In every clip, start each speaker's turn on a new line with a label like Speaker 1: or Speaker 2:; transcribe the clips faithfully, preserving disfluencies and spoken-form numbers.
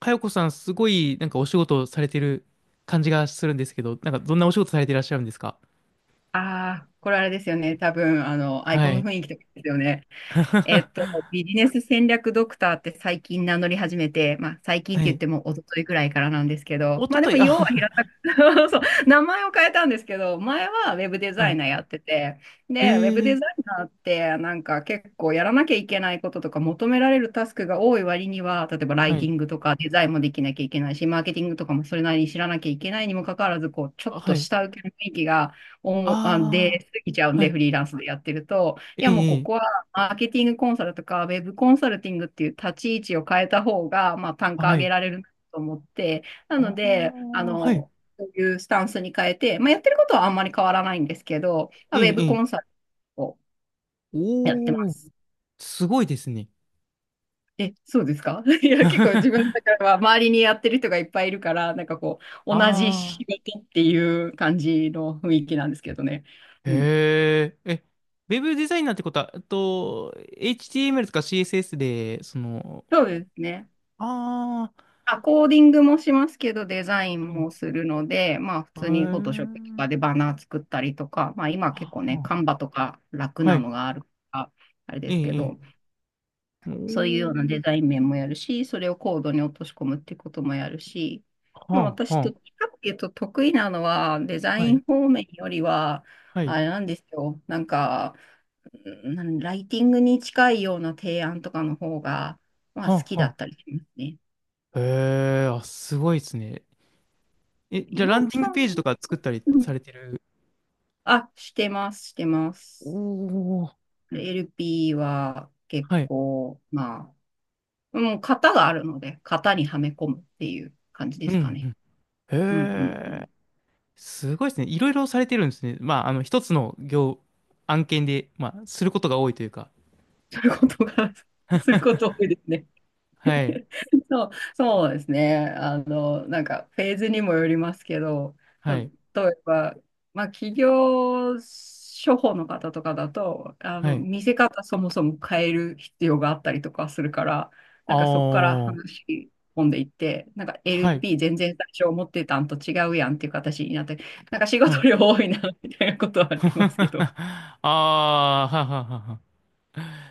Speaker 1: かよこさん、すごい、なんかお仕事されてる感じがするんですけど、なんかどんなお仕事されていらっしゃるんですか？
Speaker 2: ああ、これあれですよね。多分、あの、アイ
Speaker 1: は
Speaker 2: コンの
Speaker 1: い。
Speaker 2: 雰囲気とかですよね。えっと、ビジネス戦略ドクターって最近名乗り始めて、まあ、最近っ
Speaker 1: は
Speaker 2: て言っ
Speaker 1: い。
Speaker 2: ても一昨日ぐらいからなんですけど、
Speaker 1: お
Speaker 2: ま
Speaker 1: と
Speaker 2: あで
Speaker 1: と
Speaker 2: も、
Speaker 1: い、あ、
Speaker 2: 要は平たく そう、名前を変えたんですけど、前はウェブデザ
Speaker 1: は
Speaker 2: イ
Speaker 1: い。
Speaker 2: ナーやってて、
Speaker 1: え
Speaker 2: で、ウェブデ
Speaker 1: ー、
Speaker 2: ザイナーってなんか結構やらなきゃいけないこととか求められるタスクが多い割には、例えばラ
Speaker 1: は
Speaker 2: イテ
Speaker 1: い。
Speaker 2: ィングとかデザインもできなきゃいけないし、マーケティングとかもそれなりに知らなきゃいけないにもかかわらず、こう、ちょ
Speaker 1: あ、
Speaker 2: っ
Speaker 1: は
Speaker 2: と
Speaker 1: い。
Speaker 2: 下請けの雰囲気がおもあ出
Speaker 1: あ
Speaker 2: 過ぎちゃう
Speaker 1: ー、
Speaker 2: ん
Speaker 1: は
Speaker 2: で、
Speaker 1: い。
Speaker 2: フリーランスでやってると、い
Speaker 1: え
Speaker 2: やもうこ
Speaker 1: え
Speaker 2: こ
Speaker 1: ええ
Speaker 2: マーケティングコンサルとか、ウェブコンサルティングっていう立ち位置を変えた方が、まあ、単価
Speaker 1: は
Speaker 2: 上げ
Speaker 1: い。
Speaker 2: られると思って、なの
Speaker 1: あ
Speaker 2: で、あ
Speaker 1: ー、はい。
Speaker 2: の、そういうスタンスに変えて、まあ、やってることはあんまり変わらないんですけど、ま
Speaker 1: え
Speaker 2: あウェブ
Speaker 1: え
Speaker 2: コ
Speaker 1: え
Speaker 2: ンサ
Speaker 1: え
Speaker 2: ルをやってま
Speaker 1: おー、
Speaker 2: す。
Speaker 1: すごいですね。
Speaker 2: え、そうですか？ いや、結構自分の 中では周りにやってる人がいっぱいいるから、なんかこう、同じ
Speaker 1: あ
Speaker 2: 仕事っていう感じの雰囲気なんですけどね。
Speaker 1: ー、
Speaker 2: うん。
Speaker 1: へー。え、ウェブデザイナーってことは、えっと、エイチティーエムエル とか シーエスエス で、その、
Speaker 2: そうですね。
Speaker 1: あ
Speaker 2: あ、コーディングもしますけど、デザインも
Speaker 1: ー、
Speaker 2: するので、まあ普
Speaker 1: へ
Speaker 2: 通にフォトショ
Speaker 1: え
Speaker 2: ップとかでバナー作ったりとか、まあ今結構ね、
Speaker 1: は
Speaker 2: カンバとか楽
Speaker 1: あ、は
Speaker 2: な
Speaker 1: い。
Speaker 2: のがあるから、あれで
Speaker 1: ええ、
Speaker 2: すけ
Speaker 1: ええ。
Speaker 2: ど、
Speaker 1: お
Speaker 2: そういうような
Speaker 1: ー、
Speaker 2: デザイン面もやるし、それをコードに落とし込むってこともやるし、でも
Speaker 1: はあ、
Speaker 2: 私どっ
Speaker 1: は
Speaker 2: ちかっていうと得意なのはデザ
Speaker 1: あ、は
Speaker 2: イ
Speaker 1: い、
Speaker 2: ン方面よりは、
Speaker 1: はい、
Speaker 2: あれなんですよ、なんか、うんなんライティングに近いような提案とかの方が、まあ好
Speaker 1: は
Speaker 2: き
Speaker 1: あ、
Speaker 2: だ
Speaker 1: は
Speaker 2: ったりしますね。
Speaker 1: あ。へえ、あ、すごいですね。え、じゃ
Speaker 2: 岩
Speaker 1: あ、
Speaker 2: 尾
Speaker 1: ランディン
Speaker 2: さ
Speaker 1: グ
Speaker 2: んは？
Speaker 1: ページとか作ったりされてる？
Speaker 2: あ、してます、してま
Speaker 1: お
Speaker 2: す。
Speaker 1: お
Speaker 2: エルピー は結
Speaker 1: はい。
Speaker 2: 構、まあ、もう型があるので、型にはめ込むっていう感じ
Speaker 1: う
Speaker 2: で
Speaker 1: ん、
Speaker 2: すか
Speaker 1: う
Speaker 2: ね。
Speaker 1: ん。へ
Speaker 2: うんうんうん。
Speaker 1: え、すごいですね。いろいろされてるんですね。まあ、あの、一つの業、案件で、まあ、することが多いというか。
Speaker 2: することが、すること多いですね。
Speaker 1: はい、
Speaker 2: そう、そうですね。あの、なんかフェーズにもよりますけど、例
Speaker 1: は
Speaker 2: え
Speaker 1: い、
Speaker 2: ば、まあ、企業処方の方とかだと、あ
Speaker 1: は
Speaker 2: の、
Speaker 1: い。
Speaker 2: 見せ方そもそも変える必要があったりとかするから、
Speaker 1: あ
Speaker 2: なんかそこから
Speaker 1: ー、
Speaker 2: 話し込んでいって、なんか
Speaker 1: はい、
Speaker 2: エルピー 全然最初思ってたんと違うやんっていう形になって、なんか仕
Speaker 1: は
Speaker 2: 事
Speaker 1: い。
Speaker 2: 量多いなみたいなことはありますけど。
Speaker 1: あー、はははは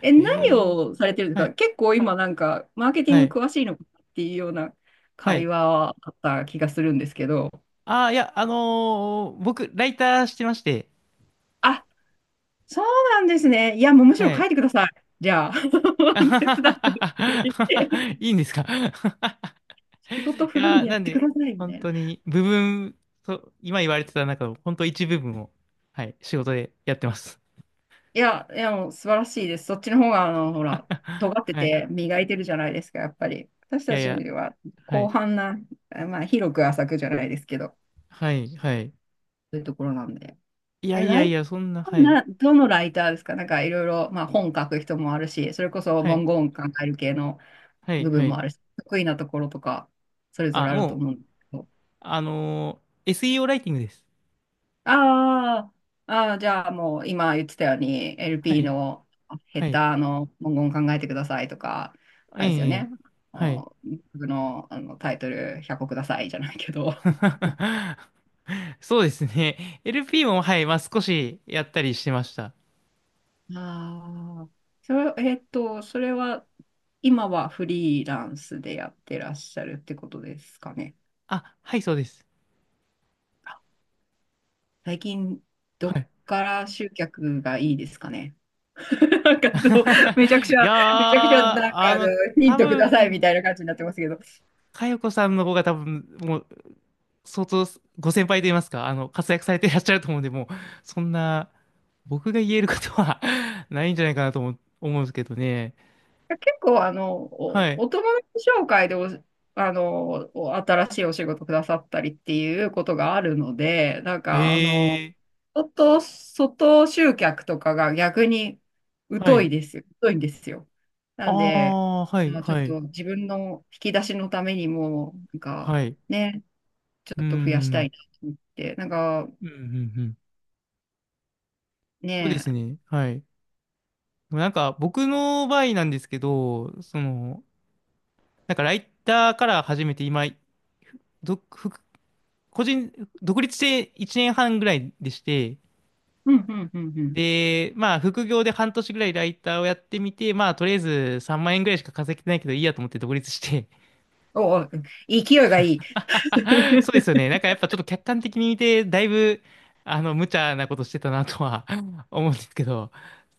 Speaker 2: え、何
Speaker 1: えー、
Speaker 2: をされてるんです
Speaker 1: は
Speaker 2: か
Speaker 1: い、
Speaker 2: 結構今なんか、マーケティン
Speaker 1: は
Speaker 2: グ
Speaker 1: い、
Speaker 2: 詳しいのかっていうような
Speaker 1: は
Speaker 2: 会
Speaker 1: い。
Speaker 2: 話はあった気がするんですけど。
Speaker 1: ああ、いや、あのー僕、ライターしてまして、
Speaker 2: あ、そうなんですね。いや、もうむしろ
Speaker 1: は
Speaker 2: 書
Speaker 1: い。
Speaker 2: いてください。じゃあ、
Speaker 1: あは
Speaker 2: 手
Speaker 1: は
Speaker 2: 伝っ
Speaker 1: は
Speaker 2: て。
Speaker 1: はいいんですか？
Speaker 2: 仕事
Speaker 1: い
Speaker 2: 振るん
Speaker 1: やー、
Speaker 2: でや
Speaker 1: な
Speaker 2: っ
Speaker 1: ん
Speaker 2: てく
Speaker 1: で、
Speaker 2: ださい、みた
Speaker 1: 本
Speaker 2: いな。
Speaker 1: 当に、部分、と、今言われてた中の、本当一部分を、はい、仕事でやってます。
Speaker 2: いや、いや、もう素晴らしいです。そっちの方が、あの、ほら、尖 って
Speaker 1: はい。
Speaker 2: て磨いてるじゃないですか、やっぱり。私
Speaker 1: い
Speaker 2: た
Speaker 1: やい
Speaker 2: ち
Speaker 1: や、
Speaker 2: は
Speaker 1: は
Speaker 2: 広
Speaker 1: い、
Speaker 2: 範な、まあ、広く浅くじゃないですけど、そ
Speaker 1: はい、はい。
Speaker 2: ういうところなんで。
Speaker 1: いや
Speaker 2: え、
Speaker 1: いや
Speaker 2: ラ
Speaker 1: い
Speaker 2: イタ
Speaker 1: や、そんな、は
Speaker 2: ー
Speaker 1: い、
Speaker 2: な、どのライターですかなんかいろいろ、まあ本書く人もあるし、それこそ
Speaker 1: はい、
Speaker 2: 文言考える系の
Speaker 1: はい、
Speaker 2: 部
Speaker 1: は
Speaker 2: 分も
Speaker 1: い。
Speaker 2: あるし、得意なところとか、それぞ
Speaker 1: あ、
Speaker 2: れあると
Speaker 1: もう、
Speaker 2: 思うんですけど。
Speaker 1: あのー エスイーオー ライティングです。
Speaker 2: あーあー、じゃあもう今言ってたように、
Speaker 1: は
Speaker 2: エルピー
Speaker 1: い、
Speaker 2: のヘ
Speaker 1: は
Speaker 2: ッ
Speaker 1: い。
Speaker 2: ダーの文言考えてくださいとか、あれですよ
Speaker 1: ええ、
Speaker 2: ね。あ
Speaker 1: はい。
Speaker 2: の僕の、あのタイトルひゃっこくださいじゃないけど、
Speaker 1: そうですね。エルピー も、はい、まあ少しやったりしてました。
Speaker 2: ああ、それ、えっと、それは今はフリーランスでやってらっしゃるってことですかね。
Speaker 1: あ、はい、そうです。
Speaker 2: 最近、ど
Speaker 1: は
Speaker 2: っ
Speaker 1: い。
Speaker 2: から集客がいいですかね？なんかどう、めちゃくち
Speaker 1: い
Speaker 2: ゃ、
Speaker 1: やー、
Speaker 2: めちゃくちゃ、なんか
Speaker 1: あ
Speaker 2: あの、
Speaker 1: の、
Speaker 2: ヒン
Speaker 1: 多
Speaker 2: トくださいみ
Speaker 1: 分、
Speaker 2: たいな感じになってますけど。
Speaker 1: かよこさんの方が多分、もう、相当、ご先輩と言いますか、あの、活躍されていらっしゃると思うんで、もう、そんな、僕が言えることは ないんじゃないかなと思、思うんですけどね。
Speaker 2: 結構、あの、
Speaker 1: は
Speaker 2: お、
Speaker 1: い。
Speaker 2: お友達紹介でお、あの、お新しいお仕事くださったりっていうことがあるので、なんか、あの、
Speaker 1: えー
Speaker 2: 外、外集客とかが逆に
Speaker 1: は
Speaker 2: 疎い
Speaker 1: い。
Speaker 2: ですよ。疎いんですよ。なんで、
Speaker 1: あーはい、
Speaker 2: まあ、ちょっ
Speaker 1: はい、
Speaker 2: と自分の引き出しのためにも、なんか、
Speaker 1: はい。う
Speaker 2: ね、ちょ
Speaker 1: ー
Speaker 2: っと増やした
Speaker 1: ん。
Speaker 2: いなと思って、なんか、
Speaker 1: うんうんうん。そうで
Speaker 2: ね、
Speaker 1: すね。はい。でもなんか僕の場合なんですけど、その、なんかライターから始めて今、独副個人、独立していちねんはんぐらいでして、
Speaker 2: うん、うん、うん、うん。
Speaker 1: で、まあ副業で半年ぐらいライターをやってみて、まあとりあえずさんまん円ぐらいしか稼げてないけどいいやと思って独立して。
Speaker 2: おお、勢いがいい。
Speaker 1: そうで すよね。なんかやっぱちょっと客観的に見て、だいぶ、あの、無茶なことしてたなとは 思うんですけど、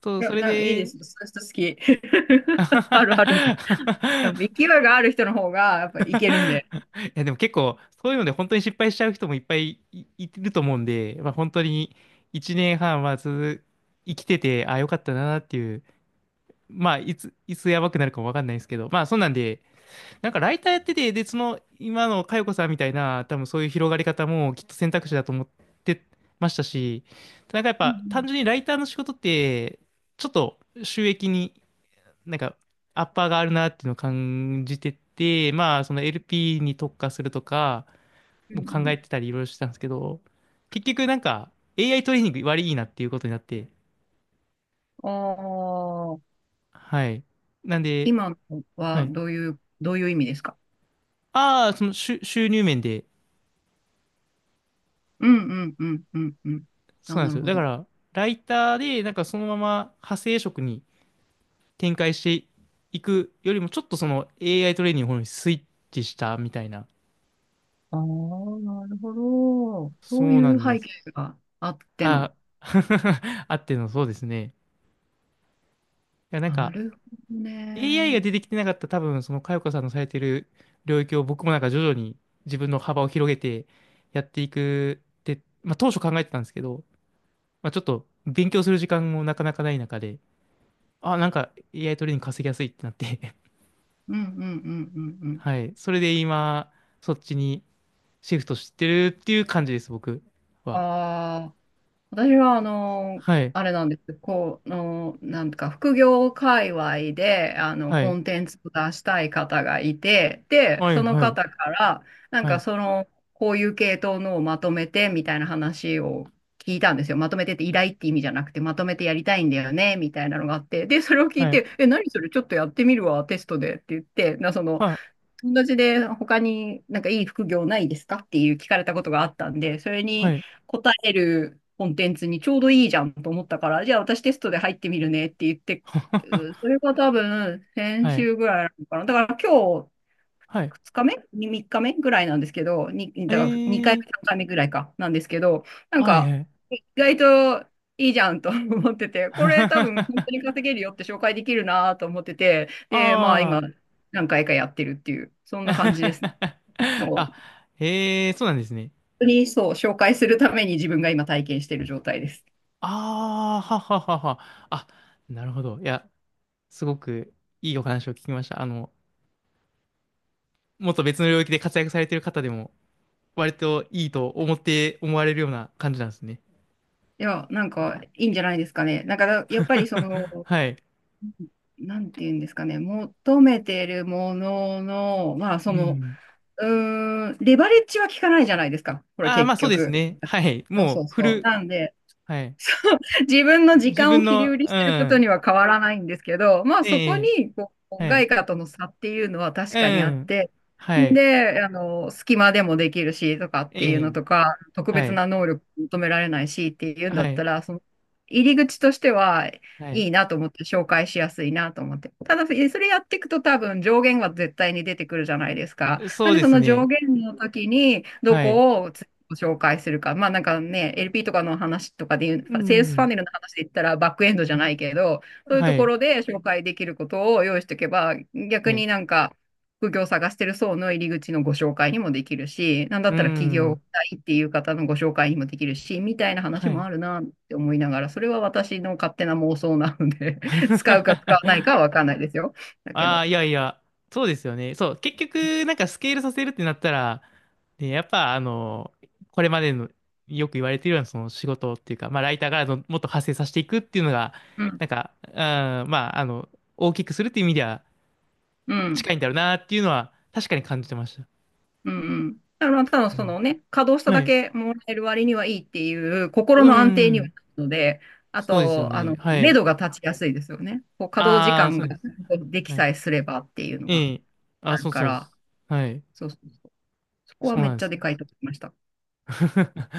Speaker 1: そう、
Speaker 2: い
Speaker 1: そ
Speaker 2: や、
Speaker 1: れ
Speaker 2: なんかいいで
Speaker 1: で、
Speaker 2: す。そういう人好き。あるある。やっぱ勢いがある人の方が、やっぱいけるんで。
Speaker 1: いやでも結構そういうので本当に失敗しちゃう人もいっぱいい、いると思うんで、まあ、本当にいちねんはんはんはず生きててああよかったなっていうまあいつ、いつやばくなるかもわかんないですけどまあそんなんでなんかライターやっててでその今の佳代子さんみたいな多分そういう広がり方もきっと選択肢だと思ってましたし、なんかやっ
Speaker 2: う
Speaker 1: ぱ
Speaker 2: ん
Speaker 1: 単純にライターの仕事ってちょっと収益になんか、アッパーがあるなっていうのを感じてて、まあ、その エルピー に特化するとか、
Speaker 2: うん。
Speaker 1: も
Speaker 2: う
Speaker 1: う
Speaker 2: んう
Speaker 1: 考
Speaker 2: ん。
Speaker 1: えてたりいろいろしてたんですけど、結局なんか、エーアイ トレーニング割いいなっていうことになって、
Speaker 2: ああ、
Speaker 1: はい。なんで、
Speaker 2: 今の
Speaker 1: は
Speaker 2: は
Speaker 1: い。
Speaker 2: どういう、どういう意味ですか？
Speaker 1: ああ、その収収入面で、
Speaker 2: うんうんうんうんうん。
Speaker 1: そ
Speaker 2: あ、
Speaker 1: うなんで
Speaker 2: な
Speaker 1: す
Speaker 2: る
Speaker 1: よ。
Speaker 2: ほ
Speaker 1: だか
Speaker 2: ど。
Speaker 1: ら、ライターで、なんかそのまま派生職に展開していくよりも、ちょっとその エーアイ トレーニングの方にスイッチしたみたいな。
Speaker 2: ああ、なるほど。
Speaker 1: そ
Speaker 2: そう
Speaker 1: うな
Speaker 2: いう
Speaker 1: んで
Speaker 2: 背
Speaker 1: す。
Speaker 2: 景があっての。
Speaker 1: ああ、あってのそうですね。いや、なん
Speaker 2: な
Speaker 1: か、
Speaker 2: るほど
Speaker 1: エーアイ が
Speaker 2: ね。
Speaker 1: 出てきてなかった多分、その佳代子さんのされてる領域を僕もなんか徐々に自分の幅を広げてやっていくって、まあ当初考えてたんですけど、まあちょっと勉強する時間もなかなかない中で、あ、なんか エーアイ トレーニング稼ぎやすいってなって
Speaker 2: うんうんうんうんう ん。
Speaker 1: はい。それで今、そっちにシフトしてるっていう感じです、僕は。
Speaker 2: あ私は、あの、
Speaker 1: はい。
Speaker 2: あれなんです。こう、あの、なんか、副業界隈で、あの、
Speaker 1: は
Speaker 2: コ
Speaker 1: い。
Speaker 2: ンテンツを出したい方がいて、で、
Speaker 1: は
Speaker 2: そ
Speaker 1: い、
Speaker 2: の
Speaker 1: はい、
Speaker 2: 方から、なん
Speaker 1: は
Speaker 2: か、
Speaker 1: い、
Speaker 2: その、こういう系統のをまとめて、みたいな話を聞いたんですよ。まとめてって依頼って意味じゃなくて、まとめてやりたいんだよね、みたいなのがあって、で、それを聞い
Speaker 1: はい、
Speaker 2: て、え、何それ、ちょっとやってみるわ、テストでって言って、な、その、
Speaker 1: はい、
Speaker 2: 友達で他になんかいい副業ないですかっていう聞かれたことがあったんで、それ
Speaker 1: は
Speaker 2: に
Speaker 1: い、
Speaker 2: 答えるコンテンツにちょうどいいじゃんと思ったから、じゃあ私テストで入ってみるねって言って、う それが多分先
Speaker 1: はい、
Speaker 2: 週ぐらいなのかな。だから今日
Speaker 1: はい、
Speaker 2: ふつかめ ?みっか 日目ぐらいなんですけど、に、
Speaker 1: え
Speaker 2: だから2回
Speaker 1: ー、
Speaker 2: 目、さんかいめぐらいか、なんですけど、なん
Speaker 1: はい、
Speaker 2: か、
Speaker 1: はい。
Speaker 2: 意外といいじゃんと 思ってて、これ多分本当に 稼げるよって紹介できるなと思ってて、で、まあ今、
Speaker 1: ああ。
Speaker 2: 何回かやってるっていう、そ んな感じですね。なんか
Speaker 1: あ、
Speaker 2: 本
Speaker 1: へえ、そうなんですね。
Speaker 2: 当にそう、紹介するために自分が今体験してる状態です。
Speaker 1: ああ、はははは。あ、なるほど。いや、すごくいいお話を聞きました。あの、もっと別の領域で活躍されている方でも、割といいと思って、思われるような感じなんですね。
Speaker 2: いや、なんかいいんじゃないですかね。なんかやっぱりそ の、
Speaker 1: はい。
Speaker 2: なんていうんですかね、求めてるものの、まあ
Speaker 1: う
Speaker 2: その、
Speaker 1: ん。
Speaker 2: うーん、レバレッジは効かないじゃないですか。これ
Speaker 1: ああ、ま
Speaker 2: 結
Speaker 1: あそうです
Speaker 2: 局。
Speaker 1: ね。はい。
Speaker 2: そう
Speaker 1: も
Speaker 2: そ
Speaker 1: う、
Speaker 2: う
Speaker 1: フ
Speaker 2: そう。
Speaker 1: ル、
Speaker 2: なんで、
Speaker 1: はい。
Speaker 2: 自分の時
Speaker 1: 自
Speaker 2: 間を
Speaker 1: 分
Speaker 2: 切り
Speaker 1: の、
Speaker 2: 売りし
Speaker 1: う
Speaker 2: てること
Speaker 1: ん。
Speaker 2: には変わらないんですけど、まあ
Speaker 1: え
Speaker 2: そこ
Speaker 1: え、
Speaker 2: にこう
Speaker 1: はい。
Speaker 2: 外貨との差っていうのは確
Speaker 1: う
Speaker 2: かにあっ
Speaker 1: ん。
Speaker 2: て、
Speaker 1: はい。
Speaker 2: で、あの、隙間でもできるしとかっ
Speaker 1: え
Speaker 2: ていうの
Speaker 1: え、
Speaker 2: とか、特
Speaker 1: は
Speaker 2: 別
Speaker 1: い。
Speaker 2: な能力求められないしっていうん
Speaker 1: は
Speaker 2: だっ
Speaker 1: い。
Speaker 2: たら、その入り口としてはい
Speaker 1: はい。
Speaker 2: いなと思って、紹介しやすいなと思って。ただ、えそれやっていくと多分上限は絶対に出てくるじゃないですか。
Speaker 1: そ
Speaker 2: なん
Speaker 1: う
Speaker 2: で
Speaker 1: で
Speaker 2: そ
Speaker 1: す
Speaker 2: の上
Speaker 1: ね。
Speaker 2: 限の時にど
Speaker 1: はい。
Speaker 2: こをご紹介するか。まあなんかね、エルピー とかの話とかで言
Speaker 1: う
Speaker 2: う、セールスファ
Speaker 1: ん。
Speaker 2: ネルの話で言ったらバックエンドじゃ
Speaker 1: は
Speaker 2: な
Speaker 1: い。
Speaker 2: いけど、そういう
Speaker 1: は
Speaker 2: とこ
Speaker 1: い。
Speaker 2: ろで紹介できることを用意しておけば、逆
Speaker 1: はい。
Speaker 2: になんか、副業を探してる層の入り口のご紹介にもできるし、なんだ
Speaker 1: う
Speaker 2: ったら起業
Speaker 1: ん。
Speaker 2: したいっていう方のご紹介にもできるし、みたいな話
Speaker 1: は
Speaker 2: も
Speaker 1: い。
Speaker 2: あるなって思いながら、それは私の勝手な妄想なので 使うか使わないかはわか んないですよ。だけ
Speaker 1: ああ、
Speaker 2: ど。
Speaker 1: いやいや、そうですよね。そう、結局、なんかスケールさせるってなったら、ね、やっぱ、あの、これまでの、よく言われているような、その仕事っていうか、まあ、ライターからのもっと派生させていくっていうのが、
Speaker 2: うん。
Speaker 1: なんか、うん、まあ、あの、大きくするっていう意味では
Speaker 2: うん。
Speaker 1: 近いんだろうなっていうのは、確かに感じてました。
Speaker 2: うんうん。だからまあ、ただ
Speaker 1: う
Speaker 2: そ
Speaker 1: ん
Speaker 2: のね、稼働した
Speaker 1: は
Speaker 2: だ
Speaker 1: い。
Speaker 2: けもらえる割にはいいっていう
Speaker 1: う
Speaker 2: 心
Speaker 1: ー
Speaker 2: の安定には
Speaker 1: ん。
Speaker 2: なるので、あ
Speaker 1: そうですよ
Speaker 2: と、あ
Speaker 1: ね。
Speaker 2: の、
Speaker 1: は
Speaker 2: 目
Speaker 1: い。
Speaker 2: 処が立ちやすいですよね。こう稼働時
Speaker 1: ああ、
Speaker 2: 間
Speaker 1: そう
Speaker 2: が
Speaker 1: です。
Speaker 2: でき
Speaker 1: は
Speaker 2: さ
Speaker 1: い
Speaker 2: えすればっていうのが
Speaker 1: ええ。
Speaker 2: あ
Speaker 1: あ、
Speaker 2: る
Speaker 1: そう
Speaker 2: か
Speaker 1: そう。
Speaker 2: ら、
Speaker 1: はい。
Speaker 2: そうそうそう。そこは
Speaker 1: そう
Speaker 2: め
Speaker 1: なん
Speaker 2: っ
Speaker 1: で
Speaker 2: ち
Speaker 1: す
Speaker 2: ゃで
Speaker 1: よ。
Speaker 2: かいと思いました。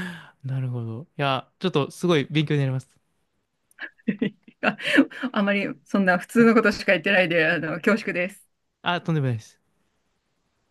Speaker 1: なるほど。いや、ちょっとすごい勉強になります。
Speaker 2: ああまりそんな普
Speaker 1: は
Speaker 2: 通
Speaker 1: い。
Speaker 2: のことしか言ってないで、あの、恐縮です。
Speaker 1: あ、とんでもないです。